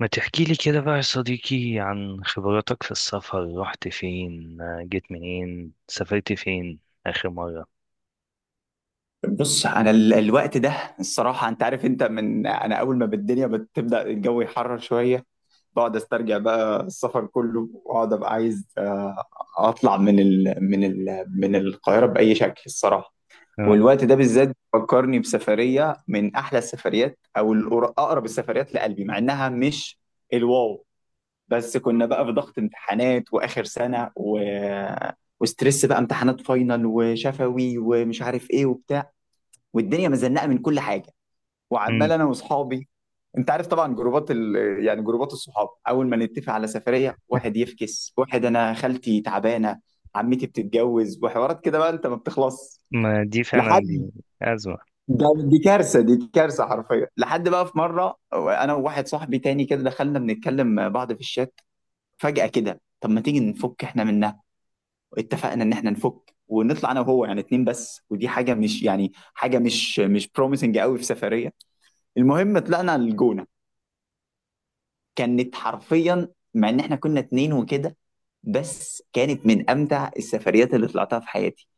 ما تحكي لي كده بقى يا صديقي عن خبراتك في السفر، رحت فين، جيت منين، سافرت فين آخر مرة؟ بص انا الوقت ده الصراحه، انت عارف، انت من انا اول ما بالدنيا بتبدا الجو يحرر شويه، بقعد استرجع بقى السفر كله واقعد ابقى عايز اطلع من ال من ال من القاهره باي شكل الصراحه. اه. والوقت ده بالذات فكرني بسفريه من احلى السفريات او اقرب السفريات لقلبي، مع انها مش الواو، بس كنا بقى في ضغط امتحانات واخر سنه وستريس بقى، امتحانات فاينل وشفوي ومش عارف ايه وبتاع، والدنيا مزنقه من كل حاجه، مم. وعمال انا واصحابي، انت عارف طبعا جروبات يعني جروبات الصحاب، اول ما نتفق على سفريه واحد يفكس، واحد انا خالتي تعبانه، عمتي بتتجوز، وحوارات كده بقى انت ما بتخلص ما دي فعلا، لحد، دي أزمة. ده دي كارثه، دي كارثه حرفيا. لحد بقى في مره انا وواحد صاحبي تاني كده دخلنا بنتكلم بعض في الشات، فجاه كده طب ما تيجي نفك احنا منها. اتفقنا ان احنا نفك ونطلع انا وهو، يعني اتنين بس، ودي حاجه مش يعني حاجه مش بروميسنج قوي في سفريه. المهم طلعنا الجونه، كانت حرفيا، مع ان احنا كنا اتنين وكده، بس كانت من امتع السفريات اللي طلعتها في حياتي.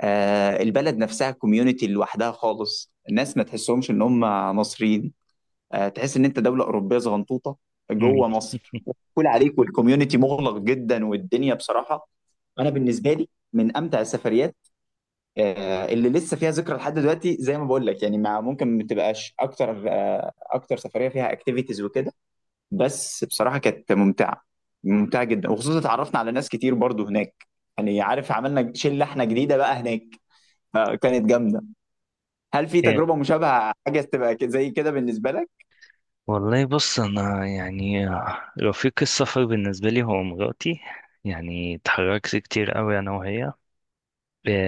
آه البلد نفسها كوميونتي لوحدها خالص، الناس ما تحسهمش ان هم مصريين، آه تحس ان انت دوله اوروبيه صغنطوطه مم. جوه مصر، كل عليك، والكوميونتي مغلق جدا، والدنيا بصراحه، انا بالنسبه لي من امتع السفريات، آه اللي لسه فيها ذكرى لحد دلوقتي، زي ما بقول لك يعني، مع ممكن ما تبقاش اكتر، آه اكتر سفريه فيها اكتيفيتيز وكده، بس بصراحة كانت ممتعة، ممتعة جدا، وخصوصا اتعرفنا على ناس كتير برضو هناك، يعني عارف عملنا شلة احنا جديدة بقى هناك، فكانت جامدة. هل في إيه. تجربة مشابهة حاجة تبقى زي كده بالنسبة لك؟ والله، بص أنا يعني رفيق السفر بالنسبة لي هو مراتي. يعني اتحركت كتير قوي أنا وهي.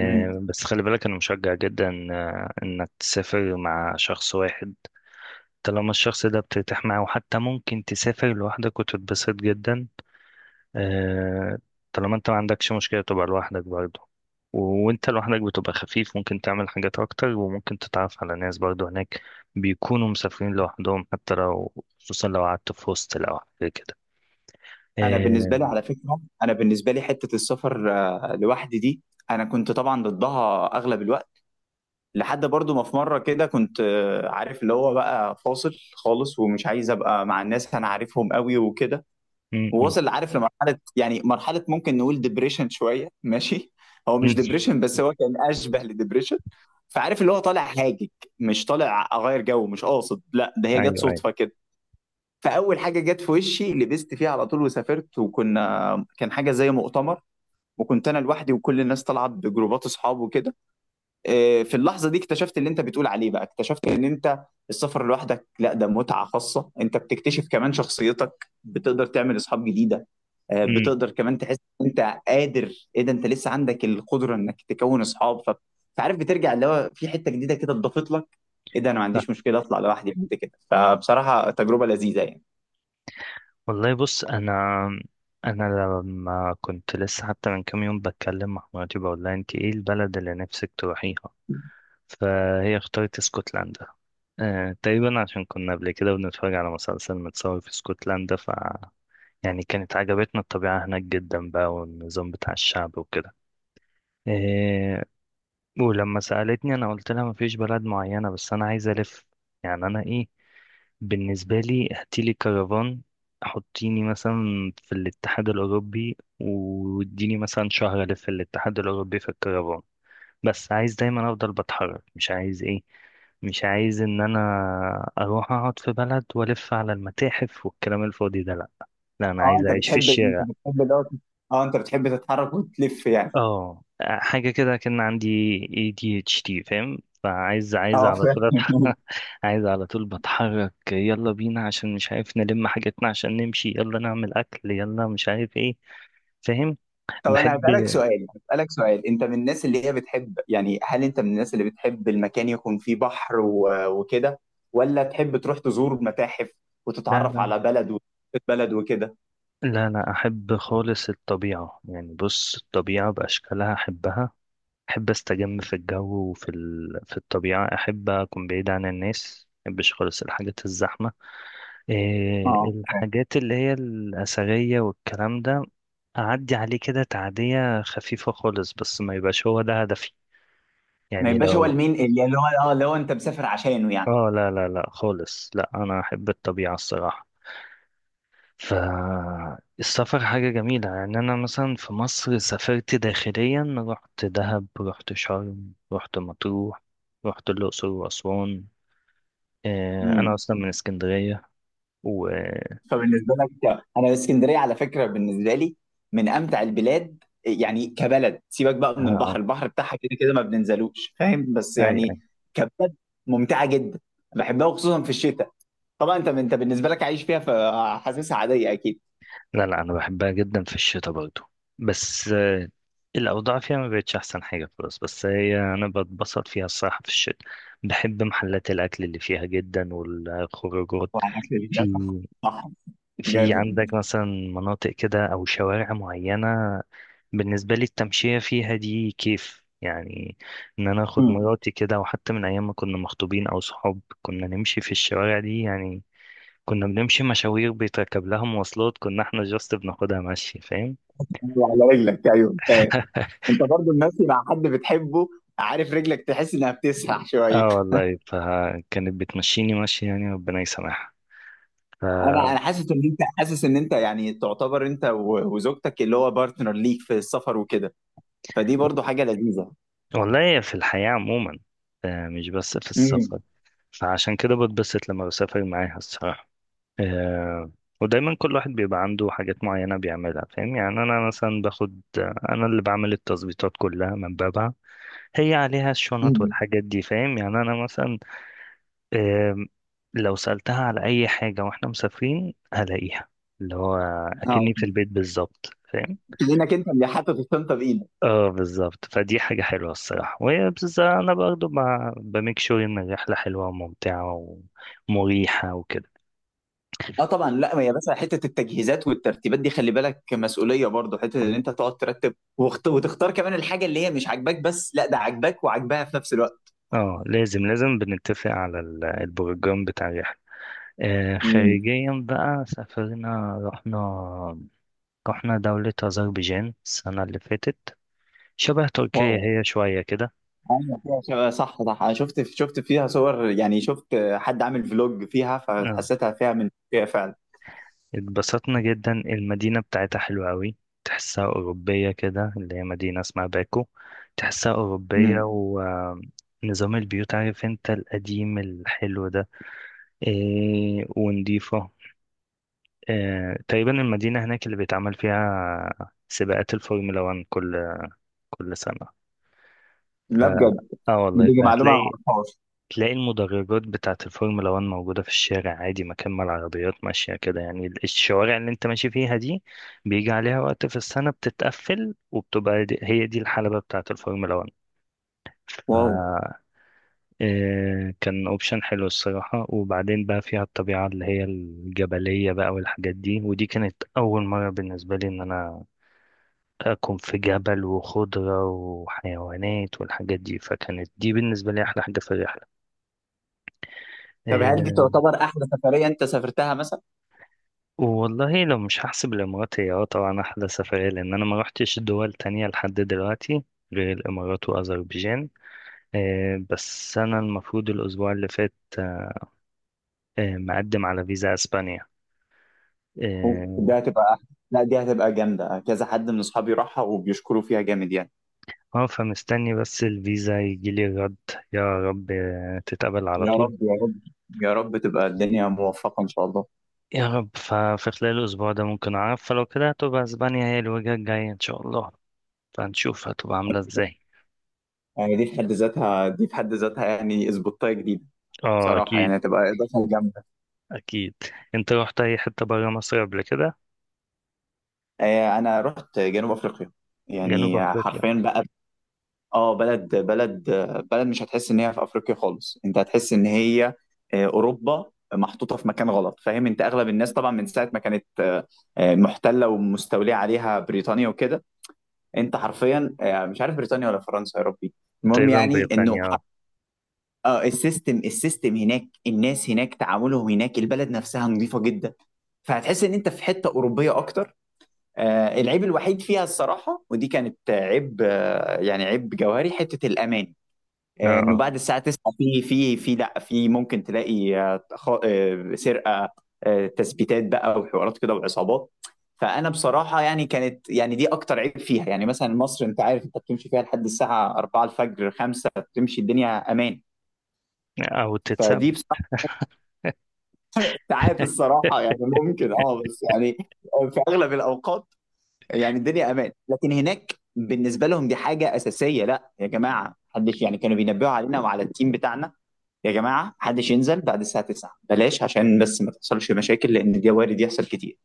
امم بس خلي بالك، أنا مشجع جدا إنك تسافر مع شخص واحد. طالما الشخص ده بترتاح معاه، وحتى ممكن تسافر لوحدك وتتبسط جدا. آه، طالما انت ما عندكش مشكلة تبقى لوحدك برضه. و- وانت لوحدك بتبقى خفيف، ممكن تعمل حاجات اكتر، وممكن تتعرف على ناس برضه هناك بيكونوا مسافرين لوحدهم، حتى لو، خصوصا لو قعدت في هوستل او حاجة كده. انا آه، بالنسبة لي على فكرة، انا بالنسبة لي حتة السفر لوحدي دي، انا كنت طبعا ضدها اغلب الوقت، لحد برضو ما في مرة كده كنت عارف اللي هو بقى فاصل خالص، ومش عايز ابقى مع الناس انا عارفهم قوي وكده، م- م- ووصل عارف لمرحله، يعني مرحله ممكن نقول ديبريشن شويه ماشي، هو م. مش ديبريشن بس هو كان اشبه لديبريشن، فعارف اللي هو طالع هاجج، مش طالع اغير جو، مش قاصد، لا ده هي جت ايوه، ايوه. صدفه كده. فاول حاجه جت في وشي لبست فيها على طول وسافرت، وكنا كان حاجه زي مؤتمر، وكنت انا لوحدي وكل الناس طلعت بجروبات اصحاب وكده. في اللحظه دي اكتشفت اللي انت بتقول عليه، بقى اكتشفت ان انت السفر لوحدك، لا ده متعه خاصه، انت بتكتشف كمان شخصيتك، بتقدر تعمل اصحاب جديده، م. بتقدر كمان تحس ان انت قادر، ايه ده انت لسه عندك القدره انك تكون اصحاب فعارف بترجع اللي هو في حته جديده كده اتضافت لك، ايه ده انا ما صح. عنديش مشكله اطلع لوحدي بعد كده، فبصراحه تجربه لذيذه يعني. والله، بص انا لما كنت لسه، حتى من كام يوم، بتكلم مع مراتي بقول لها: انت ايه البلد اللي نفسك تروحيها؟ فهي اختارت اسكتلندا. تقريبا عشان كنا قبل كده بنتفرج على مسلسل متصور في اسكتلندا، يعني كانت عجبتنا الطبيعة هناك جدا بقى، والنظام بتاع الشعب وكده. إيه. ولما سألتني، أنا قلت لها مفيش بلد معينة، بس أنا عايز ألف. يعني، أنا، إيه، بالنسبة لي هاتيلي كرفان، حطيني مثلا في الاتحاد الأوروبي، واديني مثلا شهر ألف في الاتحاد الأوروبي في الكرفان. بس عايز دايما افضل بتحرك، مش عايز، ايه، مش عايز ان انا اروح اقعد في بلد والف على المتاحف والكلام الفاضي ده، لا. لا، انا اه عايز انت اعيش في بتحب انت الشارع. بتحب دوت، اه انت بتحب تتحرك وتلف يعني. اه، حاجه كده. كان عندي ADHD، فاهم؟ فعايز عايز اه على طول فاهم. أتحرك. عايز على طول بتحرك، يلا بينا، عشان مش عارف نلم حاجتنا عشان نمشي، يلا نعمل اكل، يلا مش عارف ايه. فاهم. طب انا بحب. هسألك سؤال، انت من الناس اللي هي بتحب، يعني هل انت من الناس اللي بتحب المكان يكون فيه بحر وكده، ولا تحب تروح تزور متاحف لا، وتتعرف لا، على بلد وثقافة بلد وكده؟ لا، لا احب خالص الطبيعه يعني. بص، الطبيعه باشكالها احبها. أحب أستجم في الجو وفي في الطبيعة. أحب أكون بعيد عن الناس، مبحبش خالص الحاجات الزحمة. إيه اه فاهم. الحاجات اللي هي الأثرية والكلام ده، أعدي عليه كده تعدية خفيفة خالص، بس ما يبقاش هو ده هدفي. ما يعني يبقاش هو لو، المين اللي هو، اه اللي هو انت مسافر عشانه يعني. آه، لا، لا، لا خالص، لا، أنا أحب الطبيعة الصراحة. فالسفر حاجة جميلة يعني. أنا مثلا في مصر سافرت داخليا، رحت دهب، رحت شرم، رحت مطروح، رحت الأقصر وأسوان. انا امم اصلا من اسكندريه و اه فبالنسبه لك، انا اسكندريه على فكره بالنسبه لي من امتع البلاد، يعني كبلد سيبك بقى من البحر، آه. البحر بتاعها كده كده ما بننزلوش فاهم، بس اي، اي. يعني كبلد ممتعه جدا، بحبها وخصوصا في الشتاء، طبعا انت انت بالنسبه لك عايش فيها فحاسسها عاديه اكيد. لا، لا، انا بحبها جدا في الشتاء برضو. بس الاوضاع فيها ما بقتش احسن حاجه خلاص، بس هي انا بتبسط فيها الصراحه في الشتاء. بحب محلات الاكل اللي فيها جدا والخروجات. وعلى اكل في البيت، صح. صح. في جامد. عندك مثلا مناطق كده او شوارع معينه؟ بالنسبه لي التمشيه فيها دي كيف يعني؟ ان انا اخد مم. مراتي كده، وحتى من ايام ما كنا مخطوبين او صحاب، كنا نمشي في الشوارع دي يعني. كنا بنمشي مشاوير بيتركب لها مواصلات، كنا احنا جاست بناخدها مشي، فاهم؟ وعلى رجلك ايوه فاهم. انت برضو المشي مع حد بتحبه، عارف رجلك تحس انها بتسرح شويه. اه، والله فكانت بتمشيني مشي يعني، ربنا يسامحها. ف... انا حاسس ان انت حاسس ان انت يعني تعتبر انت وزوجتك اللي هو بارتنر ليك في السفر وكده، فدي برضو حاجه لذيذه. والله، في الحياة عموما، مش بس في امم السفر. فعشان كده بتبسط لما بسافر معاها الصراحة. آه، ودايما كل واحد بيبقى عنده حاجات معينة بيعملها، فاهم؟ يعني أنا مثلا باخد، أنا اللي بعمل التظبيطات كلها من بابها، هي عليها الشنط امم والحاجات دي، فاهم؟ يعني أنا مثلا، أم، لو سألتها على أي حاجة وإحنا مسافرين هلاقيها، اللي هو، اه، أكني في البيت بالظبط، فاهم؟ كانك انت اللي حاطط الشنطه بايدك. اه، بالظبط. فدي حاجة حلوة الصراحة، وهي بس أنا برضه ب- بميك شور إن الرحلة حلوة وممتعة ومريحة وكده. اه طبعا، لا ما يا باشا، حته التجهيزات والترتيبات دي خلي بالك مسؤوليه برضه، حته ان انت تقعد ترتب وتختار كمان الحاجه اللي هي مش عاجباك، بس لا ده عاجباك وعاجباها في نفس الوقت. اه، لازم لازم بنتفق على ال- البروجرام بتاع الرحلة. امم خارجيا بقى سافرنا، رحنا دولة أذربيجان السنة اللي فاتت. شبه واو، تركيا هي، شوية كده. ايوه فيها صح صح، انا شفت فيها صور، يعني شفت حد عامل فلوج فيها آه، فحسيتها فيها من فيها فعلا. اتبسطنا جدا، المدينة بتاعتها حلوة أوي. تحسها أوروبية كده، اللي هي مدينة اسمها باكو. تحسها أوروبية، امم. ونظام البيوت، عارف انت، القديم الحلو ده. إيه، ونضيفة. إيه، تقريبا المدينة هناك اللي بيتعمل فيها سباقات الفورمولا 1 كل سنة. لا بجد، اه والله، دي معلومه ما فهتلاقي اعرفهاش. تلاقي المدرجات بتاعة الفورمولا 1 موجودة في الشارع عادي، مكان ما العربيات ماشية كده يعني، ال- الشوارع اللي انت ماشي فيها دي بيجي عليها وقت في السنة بتتقفل، وبتبقى دي، هي دي الحلبة بتاعة الفورمولا 1. ف واو. كان اوبشن حلو الصراحة. وبعدين بقى فيها الطبيعة اللي هي الجبلية بقى والحاجات دي، ودي كانت أول مرة بالنسبة لي إن أنا أكون في جبل وخضرة وحيوانات والحاجات دي، فكانت دي بالنسبة لي أحلى حاجة في الرحلة. طب هل دي آه، تعتبر احلى سفريه انت سافرتها مثلا؟ والله، لو مش هحسب الامارات هي طبعا احلى سفرية، لان انا ما روحتش دول تانية لحد دلوقتي غير الامارات واذربيجان. بس انا المفروض الاسبوع اللي فات مقدم على فيزا اسبانيا. أوف، اه. دي هتبقى احلى، لا دي هتبقى جامده، كذا حد من اصحابي راحها وبيشكروا فيها جامد يعني. فمستني بس الفيزا يجيلي الرد. يا رب تتقبل على يا طول. رب يا رب، يا رب تبقى الدنيا موفقة إن شاء الله. يا رب. ففي خلال الاسبوع ده ممكن اعرف، فلو كده هتبقى اسبانيا هي الوجهة الجاية ان شاء الله. فهنشوف هتبقى عاملة ازاي. يعني دي في حد ذاتها يعني اسبوتاية جديدة، اه، بصراحة اكيد. يعني هتبقى إضافة جامدة. اكيد. انت روحت اي حتة برا مصر قبل كده؟ أنا رحت جنوب أفريقيا، جنوب يعني أفريقيا؟ حرفيا بقى، آه بلد بلد مش هتحس إن هي في أفريقيا خالص، أنت هتحس إن هي أوروبا محطوطة في مكان غلط فاهم، أنت أغلب الناس طبعا من ساعة ما كانت محتلة ومستولية عليها بريطانيا وكده، أنت حرفيا مش عارف بريطانيا ولا فرنسا يا ربي. المهم تقريبا يعني انه بريطانيا، اه. اه السيستم هناك، الناس هناك، تعاملهم هناك، البلد نفسها نظيفة جدا، فهتحس ان انت في حتة أوروبية اكتر. آه العيب الوحيد فيها الصراحة، ودي كانت عيب، آه يعني عيب جوهري، حتة الأمان، آه انه اه. بعد الساعة 9 في في في لا في ممكن تلاقي سرقة، آه تثبيتات بقى وحوارات كده وعصابات. فانا بصراحه يعني كانت يعني دي اكتر عيب فيها، يعني مثلا مصر انت عارف انت بتمشي فيها لحد الساعه 4 الفجر 5 بتمشي الدنيا امان، اه، أو تتسب. فدي ساعات الصراحة يعني ممكن اه بس يعني، في أغلب الأوقات يعني الدنيا أمان، لكن هناك بالنسبة لهم دي حاجة أساسية، لا يا جماعة محدش، يعني كانوا بينبهوا علينا وعلى التيم بتاعنا، يا جماعة محدش ينزل بعد الساعة 9 بلاش، عشان بس ما تحصلش مشاكل لأن دي وارد يحصل كتير.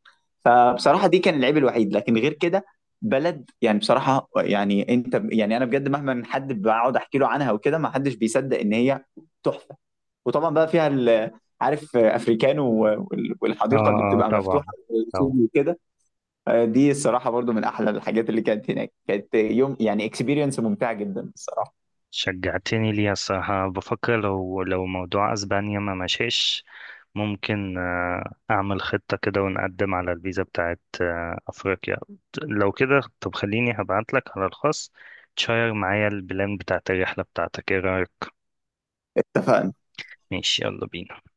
فبصراحة دي كان العيب الوحيد، لكن غير كده بلد يعني بصراحة يعني أنت يعني أنا بجد، مهما حد بقعد أحكي له عنها وكده ما حدش بيصدق إن هي تحفة. وطبعا بقى فيها عارف افريكانو اه، والحديقه اللي اه، بتبقى طبعا. مفتوحه طبعا. والاستوديو وكده، دي الصراحه برضو من احلى الحاجات اللي كانت هناك، كانت يوم يعني اكسبيرينس ممتعه جدا الصراحه. شجعتني ليها الصراحة. بفكر، لو موضوع أسبانيا ما مشيش، ممكن أعمل خطة كده، ونقدم على الفيزا بتاعت أفريقيا. لو كده، طب خليني هبعتلك على الخاص تشير معايا البلان بتاعت الرحلة بتاعتك، ايه رأيك؟ اتفقنا. ماشي، يلا بينا.